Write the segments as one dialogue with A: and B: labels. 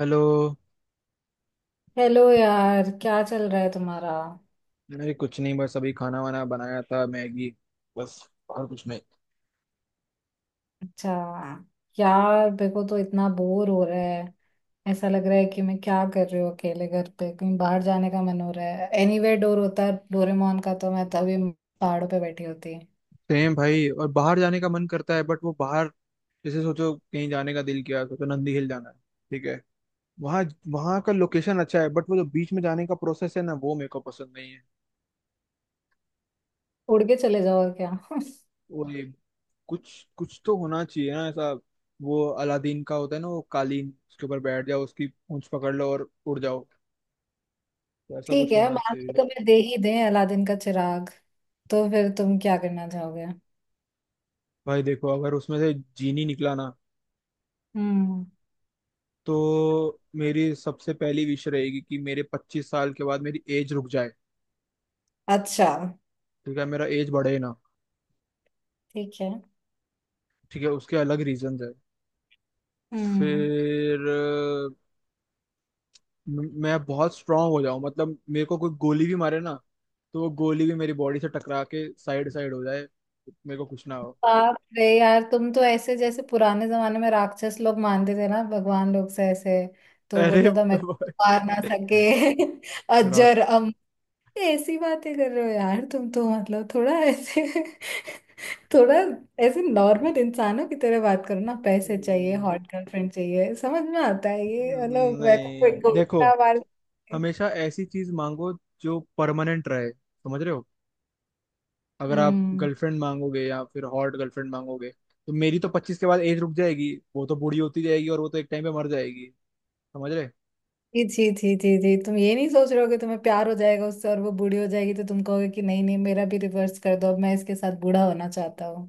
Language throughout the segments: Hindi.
A: हेलो।
B: हेलो यार, क्या चल रहा है तुम्हारा।
A: अरे कुछ नहीं, बस अभी खाना वाना बनाया था, मैगी। बस।
B: अच्छा। यार, मेरे को तो इतना बोर हो रहा है। ऐसा लग रहा है कि मैं क्या कर रही हूँ अकेले घर पे। कहीं बाहर जाने का मन हो रहा है। एनीवेयर डोर होता है डोरेमोन का तो मैं तभी पहाड़ों पे बैठी होती।
A: सेम भाई, और बाहर जाने का मन करता है बट वो बाहर, जैसे सोचो कहीं जाने का दिल किया, सोचो नंदी हिल जाना है। ठीक है। वहाँ वहाँ का लोकेशन अच्छा है, बट वो जो बीच में जाने का प्रोसेस है ना, वो मेरे को पसंद नहीं है।
B: उड़ के चले जाओ और क्या।
A: वो ये कुछ कुछ तो होना चाहिए ना ऐसा। वो अलादीन का होता है ना, वो कालीन, उसके ऊपर बैठ जाओ, उसकी पूंछ पकड़ लो और उड़ जाओ। तो ऐसा
B: ठीक
A: कुछ
B: है,
A: होना
B: मान
A: चाहिए।
B: लो तुम्हें दे ही दें अलादीन का चिराग, तो फिर तुम क्या करना चाहोगे?
A: भाई देखो, अगर उसमें से जीनी निकला ना,
B: हम्म।
A: तो मेरी सबसे पहली विश रहेगी कि मेरे 25 साल के बाद मेरी एज रुक जाए।
B: अच्छा।
A: ठीक है, मेरा एज बढ़े ना।
B: ठीक है।
A: ठीक है, उसके अलग रीजंस है।
B: हम्म।
A: फिर मैं बहुत स्ट्रांग हो जाऊं, मतलब मेरे को कोई गोली भी मारे ना, तो वो गोली भी मेरी बॉडी से टकरा के साइड साइड हो जाए, मेरे को कुछ ना हो।
B: बाप रे यार, तुम तो ऐसे जैसे पुराने जमाने में राक्षस लोग मानते थे ना भगवान लोग से, ऐसे तो
A: अरे
B: बोलता था मैं
A: भाई।
B: मार ना सके। अजर
A: रॉक्स।
B: अम। ऐसी बातें कर रहे हो यार तुम, तो मतलब थोड़ा ऐसे थोड़ा ऐसे। नॉर्मल इंसानों की तरह बात करो ना। पैसे चाहिए, हॉट गर्लफ्रेंड चाहिए, समझ में आता है ये। मतलब मैं को कोई
A: नहीं
B: गोल
A: देखो,
B: ना मार सके।
A: हमेशा ऐसी चीज मांगो जो परमानेंट रहे, समझ रहे हो। अगर आप
B: हम्म।
A: गर्लफ्रेंड मांगोगे या फिर हॉट गर्लफ्रेंड मांगोगे, तो मेरी तो 25 के बाद एज रुक जाएगी, वो तो बूढ़ी होती जाएगी और वो तो एक टाइम पे मर जाएगी। समझ रहे।
B: जी जी जी जी जी, तुम ये नहीं सोच रहे हो कि तुम्हें प्यार हो जाएगा उससे और वो बूढ़ी हो जाएगी, तो तुम कहोगे कि नहीं नहीं, मेरा भी रिवर्स कर दो, अब मैं इसके साथ बूढ़ा होना चाहता हूँ।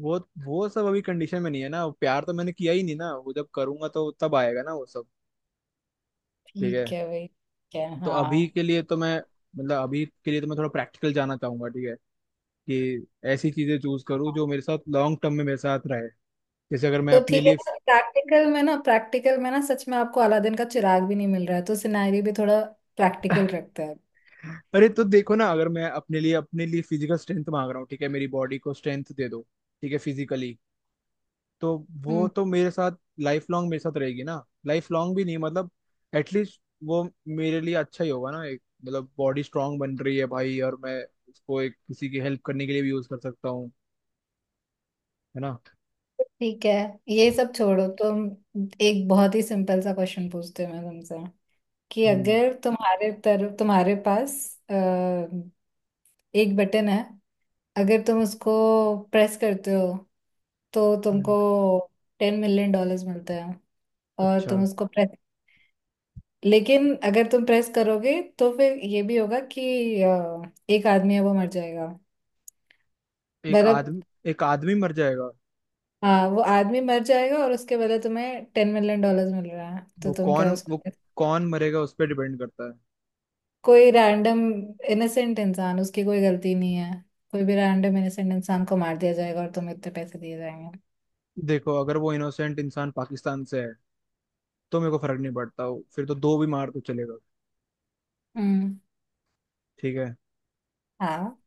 A: वो वो सब अभी कंडीशन में नहीं है ना, प्यार तो मैंने किया ही नहीं ना, वो जब करूंगा तो तब आएगा ना वो सब। ठीक
B: ठीक
A: है।
B: है भाई, ठीक है,
A: तो अभी
B: हाँ।
A: के लिए तो मैं मतलब अभी के लिए तो मैं थोड़ा प्रैक्टिकल जाना चाहूंगा। ठीक है, कि ऐसी चीजें चूज करूँ जो मेरे साथ लॉन्ग टर्म में मेरे साथ रहे। जैसे अगर मैं
B: तो
A: अपने
B: ठीक है,
A: लिए,
B: प्रैक्टिकल में ना, सच में आपको अलादीन का चिराग भी नहीं मिल रहा है तो सिनेरियो भी थोड़ा प्रैक्टिकल रखता है।
A: अरे तो देखो ना, अगर मैं अपने लिए फिजिकल स्ट्रेंथ मांग रहा हूँ, ठीक है, मेरी बॉडी को स्ट्रेंथ दे दो। ठीक है, फिजिकली। तो वो
B: हम्म।
A: तो मेरे साथ लाइफ लॉन्ग मेरे साथ रहेगी ना, लाइफ लॉन्ग भी नहीं, मतलब एटलीस्ट वो मेरे लिए अच्छा ही होगा ना। एक मतलब, बॉडी स्ट्रांग बन रही है भाई, और मैं उसको एक किसी की हेल्प करने के लिए भी यूज कर सकता हूँ, है ना।
B: ठीक है, ये सब छोड़ो तुम। एक बहुत ही सिंपल सा क्वेश्चन पूछते हो मैं तुमसे कि
A: हम्म।
B: अगर तुम्हारे पास अ, एक बटन है, अगर तुम उसको प्रेस करते हो तो
A: हम्म।
B: तुमको $10 million मिलते हैं, और
A: अच्छा।
B: तुम उसको प्रेस, लेकिन अगर तुम प्रेस करोगे तो फिर ये भी होगा कि एक आदमी है वो मर जाएगा।
A: एक
B: मतलब।
A: आदमी एक आदमी मर जाएगा।
B: हाँ, वो आदमी मर जाएगा और उसके बदले तुम्हें $10 million मिल रहा है, तो तुम क्या
A: वो
B: उसको।
A: कौन मरेगा उस पर डिपेंड करता है।
B: कोई रैंडम इनोसेंट इंसान, उसकी कोई गलती नहीं है। कोई भी रैंडम इनोसेंट इंसान को मार दिया जाएगा और तुम्हें इतने पैसे दिए जाएंगे।
A: देखो अगर वो इनोसेंट इंसान पाकिस्तान से है, तो मेरे को फर्क नहीं पड़ता, वो फिर तो दो भी मार तो चलेगा।
B: हम्म।
A: ठीक है।
B: हाँ।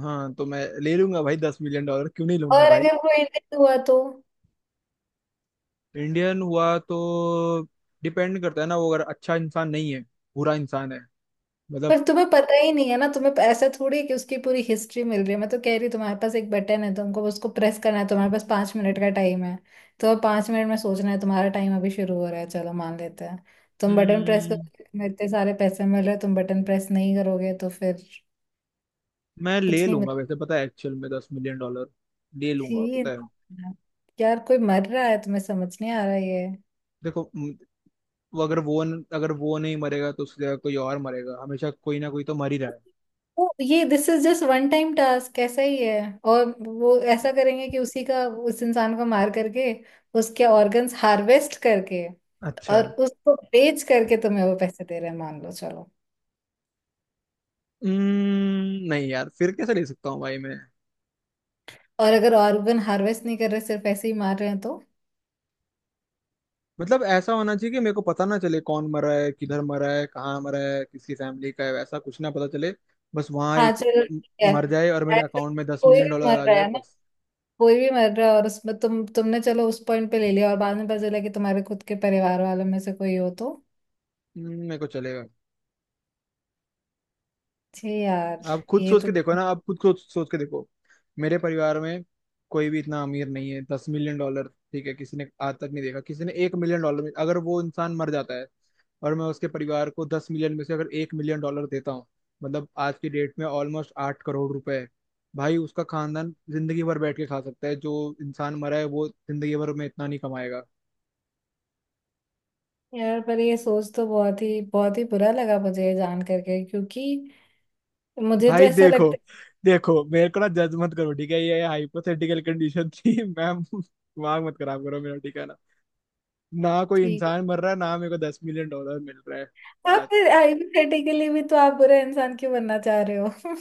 A: हाँ, तो मैं ले लूंगा भाई, 10 मिलियन डॉलर क्यों नहीं लूंगा
B: और
A: भाई।
B: अगर वो इंडियन हुआ तो?
A: इंडियन हुआ तो डिपेंड करता है ना, वो अगर अच्छा इंसान नहीं है, बुरा इंसान है, मतलब।
B: पर तुम्हें पता ही नहीं है ना, तुम्हें ऐसा थोड़ी है कि उसकी पूरी हिस्ट्री मिल रही है। मैं तो कह रही हूँ, तुम्हारे पास एक बटन है, तुमको बस उसको प्रेस करना है, तुम्हारे पास 5 मिनट का टाइम है। तो अब 5 मिनट में सोचना है। तुम्हारा टाइम अभी शुरू हो रहा है। चलो मान लेते हैं, तुम बटन प्रेस
A: हम्म,
B: करोगे तुम्हें इतने सारे पैसे मिल रहे हैं, तुम बटन प्रेस नहीं करोगे तो फिर
A: मैं ले
B: कुछ नहीं।
A: लूंगा, वैसे पता है, एक्चुअल में 10 मिलियन डॉलर ले लूंगा
B: थी
A: पता है।
B: ना। यार, कोई मर रहा है, तुम्हें समझ नहीं आ रहा ये।
A: देखो, वो अगर वो न, अगर वो नहीं मरेगा तो उसकी जगह कोई और मरेगा, हमेशा कोई ना कोई तो मर ही रहा है।
B: वो ये, this is just one time task, ऐसा ही है। और वो ऐसा करेंगे कि उसी का उस इंसान को मार करके उसके ऑर्गन्स हार्वेस्ट करके
A: अच्छा।
B: और उसको बेच करके तुम्हें वो पैसे दे रहे हैं, मान लो, चलो।
A: नहीं यार, फिर कैसे ले सकता हूँ भाई मैं।
B: और अगर ऑर्गन हार्वेस्ट नहीं कर रहे सिर्फ ऐसे ही मार रहे हैं तो?
A: मतलब ऐसा होना चाहिए कि मेरे को पता ना चले कौन मरा है, किधर मरा है, कहाँ मरा है, किसकी फैमिली का है, ऐसा कुछ ना पता चले। बस वहाँ
B: हाँ
A: एक
B: चलो
A: म-
B: ठीक है।
A: मर जाए और मेरे
B: ऐसे
A: अकाउंट में दस
B: कोई
A: मिलियन
B: भी
A: डॉलर
B: मर
A: आ
B: रहा
A: जाए
B: है ना,
A: बस।
B: कोई भी मर रहा है। और उसमें तुमने चलो उस पॉइंट पे ले लिया, और बाद में पता चला कि तुम्हारे खुद के परिवार वालों में से कोई हो तो?
A: मेरे को चलेगा।
B: थे यार।
A: आप खुद
B: ये
A: सोच के
B: तो।
A: देखो ना, आप खुद सोच सोच के देखो। मेरे परिवार में कोई भी इतना अमीर नहीं है, 10 मिलियन डॉलर, ठीक है, किसी ने आज तक नहीं देखा, किसी ने 1 मिलियन डॉलर में, अगर वो इंसान मर जाता है और मैं उसके परिवार को 10 मिलियन में से अगर 1 मिलियन डॉलर देता हूँ, मतलब आज की डेट में ऑलमोस्ट 8 करोड़ रुपए है भाई, उसका खानदान जिंदगी भर बैठ के खा सकता है। जो इंसान मरा है वो जिंदगी भर में इतना नहीं कमाएगा।
B: यार, पर ये सोच तो बहुत ही बुरा लगा मुझे ये जान करके, क्योंकि मुझे तो
A: भाई
B: ऐसा
A: देखो,
B: लगता है।
A: देखो मेरे को ना जज मत करो, ठीक है, ये हाइपोथेटिकल कंडीशन थी। मैम दिमाग मत खराब करो मेरा, ठीक है ना। ना कोई
B: ठीक
A: इंसान
B: है,
A: मर रहा है, ना मेरे को 10 मिलियन डॉलर मिल रहा है।
B: आप
A: बात।
B: फिर हाइपोथेटिकली भी तो आप बुरा इंसान क्यों बनना चाह रहे हो?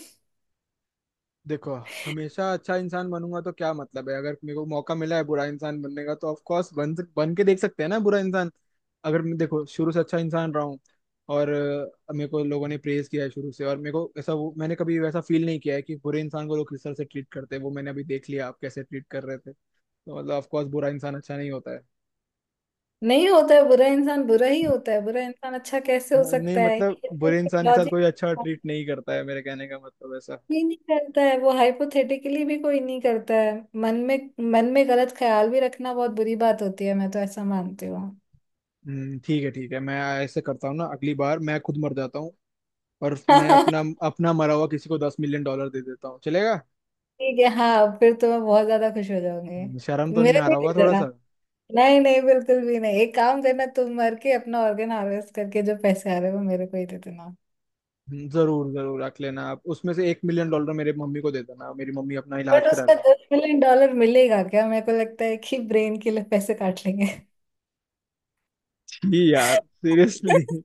A: देखो, हमेशा अच्छा इंसान बनूंगा तो क्या मतलब है, अगर मेरे को मौका मिला है बुरा इंसान बनने का तो ऑफ कोर्स बन के देख सकते हैं ना बुरा इंसान। अगर मैं देखो शुरू से अच्छा इंसान रहा हूँ, और मेरे को लोगों ने प्रेज किया है शुरू से, और मेरे को ऐसा, वो मैंने कभी वैसा फील नहीं किया है कि बुरे इंसान को लोग किस तरह से ट्रीट करते हैं, वो मैंने अभी देख लिया, आप कैसे ट्रीट कर रहे थे। तो मतलब ऑफ कोर्स बुरा इंसान अच्छा नहीं होता है।
B: नहीं होता है, बुरा इंसान बुरा ही होता है, बुरा इंसान अच्छा कैसे हो
A: हाँ, नहीं
B: सकता है।
A: मतलब बुरे इंसान के साथ
B: लॉजिक
A: कोई अच्छा ट्रीट नहीं करता है, मेरे कहने का मतलब ऐसा।
B: ही नहीं करता है, वो हाइपोथेटिकली भी कोई नहीं करता है। मन में मन में गलत ख्याल भी रखना बहुत बुरी बात होती है, मैं तो ऐसा मानती हूँ।
A: ठीक है ठीक है, मैं ऐसे करता हूँ ना, अगली बार मैं खुद मर जाता हूँ, और मैं अपना अपना मरा हुआ किसी को 10 मिलियन डॉलर दे देता हूँ, चलेगा।
B: ठीक है हाँ, फिर तो मैं बहुत ज्यादा खुश हो जाऊंगी।
A: शर्म तो नहीं
B: मेरे
A: आ
B: को ही
A: रहा
B: दे
A: होगा थोड़ा
B: देना।
A: सा।
B: नहीं नहीं, बिल्कुल भी नहीं, एक काम करना, तुम मर के अपना ऑर्गन हार्वेस्ट करके जो पैसे आ रहे हैं वो मेरे को ही दे देना।
A: जरूर जरूर रख लेना, आप उसमें से 1 मिलियन डॉलर मेरे मम्मी को दे देना, मेरी मम्मी अपना इलाज
B: बट
A: करा
B: उसका
A: लेगी।
B: $10 million मिलेगा क्या? मेरे को लगता है कि ब्रेन के लिए पैसे काट लेंगे।
A: जी यार, सीरियसली।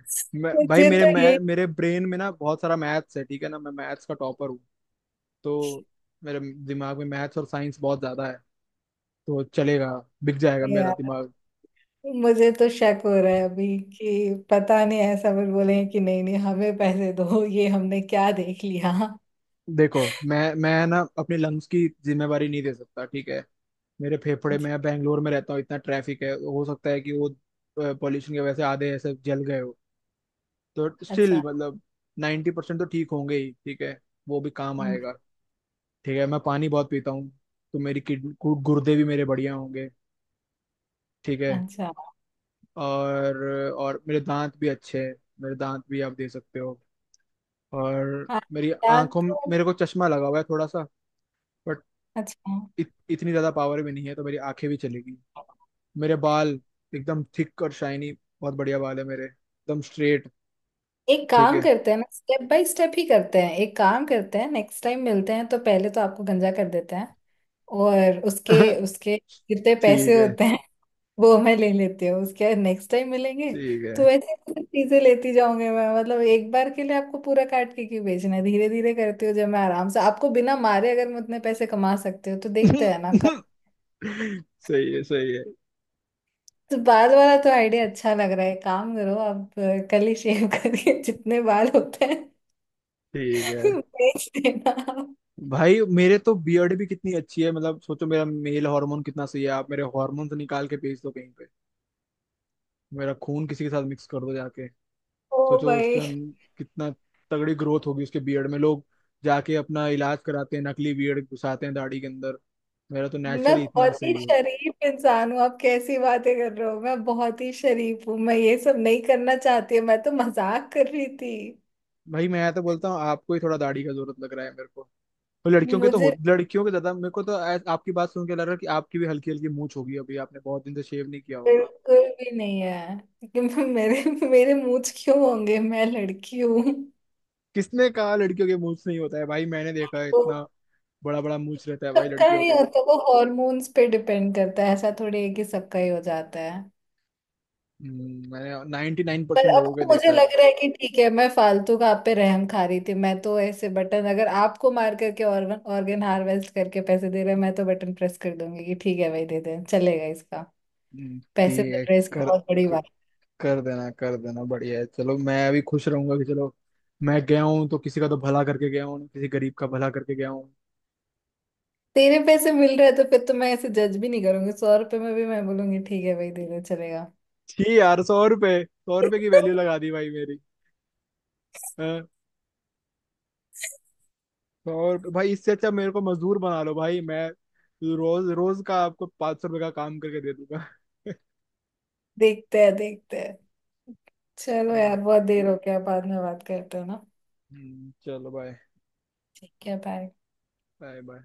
A: मैं भाई
B: मुझे
A: मेरे
B: तो यही।
A: मैं मेरे ब्रेन में ना बहुत सारा मैथ्स है ठीक है ना, मैं मैथ्स का टॉपर हूँ। तो मेरे दिमाग में मैथ्स और साइंस बहुत ज्यादा है, तो चलेगा, बिक जाएगा
B: नहीं
A: मेरा
B: यार,
A: दिमाग।
B: मुझे तो शक हो रहा है अभी कि पता नहीं, ऐसा फिर बोले कि नहीं नहीं, हमें पैसे दो, ये हमने क्या देख लिया।
A: देखो मैं ना अपने लंग्स की जिम्मेवारी नहीं दे सकता, ठीक है, मेरे फेफड़े, मैं बैंगलोर में रहता हूँ, इतना ट्रैफिक है, हो सकता है कि वो पॉल्यूशन की वजह से आधे ऐसे जल गए हो। तो स्टिल
B: अच्छा।
A: मतलब 90% तो ठीक होंगे ही, ठीक है, वो भी काम
B: हम्म,
A: आएगा। ठीक है, मैं पानी बहुत पीता हूँ, तो मेरी गुर्दे भी मेरे बढ़िया होंगे, ठीक है।
B: अच्छा।
A: और और मेरे दांत भी अच्छे हैं, मेरे दांत भी आप दे सकते हो। और
B: हाँ,
A: मेरी
B: याद
A: आंखों,
B: तो।
A: मेरे को चश्मा लगा हुआ है थोड़ा सा,
B: अच्छा।
A: इतनी ज्यादा पावर भी नहीं है, तो मेरी आंखें भी चलेगी। मेरे बाल एकदम थिक और शाइनी, बहुत बढ़िया बाल है मेरे, एकदम स्ट्रेट।
B: एक
A: ठीक
B: काम
A: है।
B: करते हैं ना, स्टेप बाय स्टेप ही करते हैं। एक काम करते हैं, नेक्स्ट टाइम मिलते हैं तो पहले तो आपको गंजा कर देते हैं। और उसके उसके जितने पैसे
A: ठीक है।
B: होते हैं वो मैं ले लेती हूँ, उसके नेक्स्ट टाइम मिलेंगे
A: ठीक है।
B: तो ऐसे कुछ चीजें लेती जाऊंगी मैं। मतलब एक बार के लिए आपको पूरा काट के क्यों बेचना है, धीरे धीरे करती हूँ, जब मैं आराम से आपको बिना मारे अगर मैं उतने पैसे कमा सकती हूँ तो देखते हैं ना कब।
A: सही है, सही है।
B: तो बाल वाला तो आइडिया अच्छा लग रहा है, काम करो आप, कल ही शेव करके जितने बाल होते हैं
A: ठीक है
B: बेच देना।
A: भाई, मेरे तो बियर्ड भी कितनी अच्छी है, मतलब सोचो मेरा मेल हार्मोन कितना सही है। आप मेरे हार्मोन निकाल के भेज दो कहीं पे, मेरा खून किसी के साथ मिक्स कर दो जाके,
B: ओ
A: सोचो उसके
B: भाई,
A: अंदर कितना तगड़ी ग्रोथ होगी उसके बियर्ड में। लोग जाके अपना इलाज कराते हैं, नकली बियर्ड घुसाते हैं दाढ़ी के अंदर। मेरा तो
B: मैं
A: नेचुरली इतना
B: बहुत ही
A: सही है।
B: शरीफ इंसान हूँ, आप कैसी बातें कर रहे हो। मैं बहुत ही शरीफ हूँ, मैं ये सब नहीं करना चाहती, मैं तो मजाक कर रही थी।
A: भाई मैं तो बोलता हूँ, आपको ही थोड़ा दाढ़ी का जरूरत लग रहा है मेरे को।
B: मुझे
A: लड़कियों के ज्यादा, मेरे को तो आपकी बात सुन के लग रहा है कि आपकी भी हल्की हल्की मूंछ होगी, अभी आपने बहुत दिन से शेव नहीं किया होगा।
B: बिल्कुल भी नहीं है कि मैं- मेरे मेरे मूड क्यों होंगे, मैं लड़की हूँ।
A: किसने कहा लड़कियों के मूंछ नहीं होता है भाई, मैंने देखा है
B: तो
A: इतना बड़ा बड़ा मूंछ रहता है भाई
B: सबका
A: लड़कियों
B: नहीं
A: के।
B: होता, वो हॉर्मोन्स पे डिपेंड करता है, ऐसा थोड़ी है कि सबका ही हो जाता है।
A: मैंने नाइन्टी नाइन
B: पर
A: परसेंट
B: अब
A: लोगों के
B: तो मुझे
A: देखा है।
B: लग रहा है कि ठीक है, मैं फालतू का आप पे रहम खा रही थी, मैं तो ऐसे बटन अगर आपको मार करके ऑर्गन ऑर्गन हार्वेस्ट करके पैसे दे रहे हैं, मैं तो बटन प्रेस कर दूंगी कि ठीक है भाई दे दे चलेगा इसका। पैसे
A: ठीक
B: मिल
A: है।
B: रहे हैं, इसकी
A: कर
B: बहुत बड़ी बात।
A: कर देना, कर देना, बढ़िया है, चलो मैं भी खुश रहूंगा कि चलो, मैं गया हूँ तो किसी का तो भला करके गया हूँ, किसी गरीब का भला करके गया हूँ।
B: तेरे पैसे मिल रहे हैं तो फिर तो मैं ऐसे जज भी नहीं करूंगी, ₹100 में भी मैं बोलूंगी ठीक है भाई दे दे चलेगा।
A: छी यार, 100 रुपए, 100 रुपए की वैल्यू लगा दी भाई मेरी। हाँ, 100 रुपए भाई, इससे अच्छा मेरे को मजदूर बना लो भाई, मैं रोज रोज का आपको 500 रुपए का काम करके दे दूंगा।
B: देखते हैं देखते हैं, चलो
A: हम्म,
B: यार, बहुत देर हो गया, बाद में बात करते हैं ना।
A: चलो बाय।
B: ठीक है बाय।
A: Bye bye.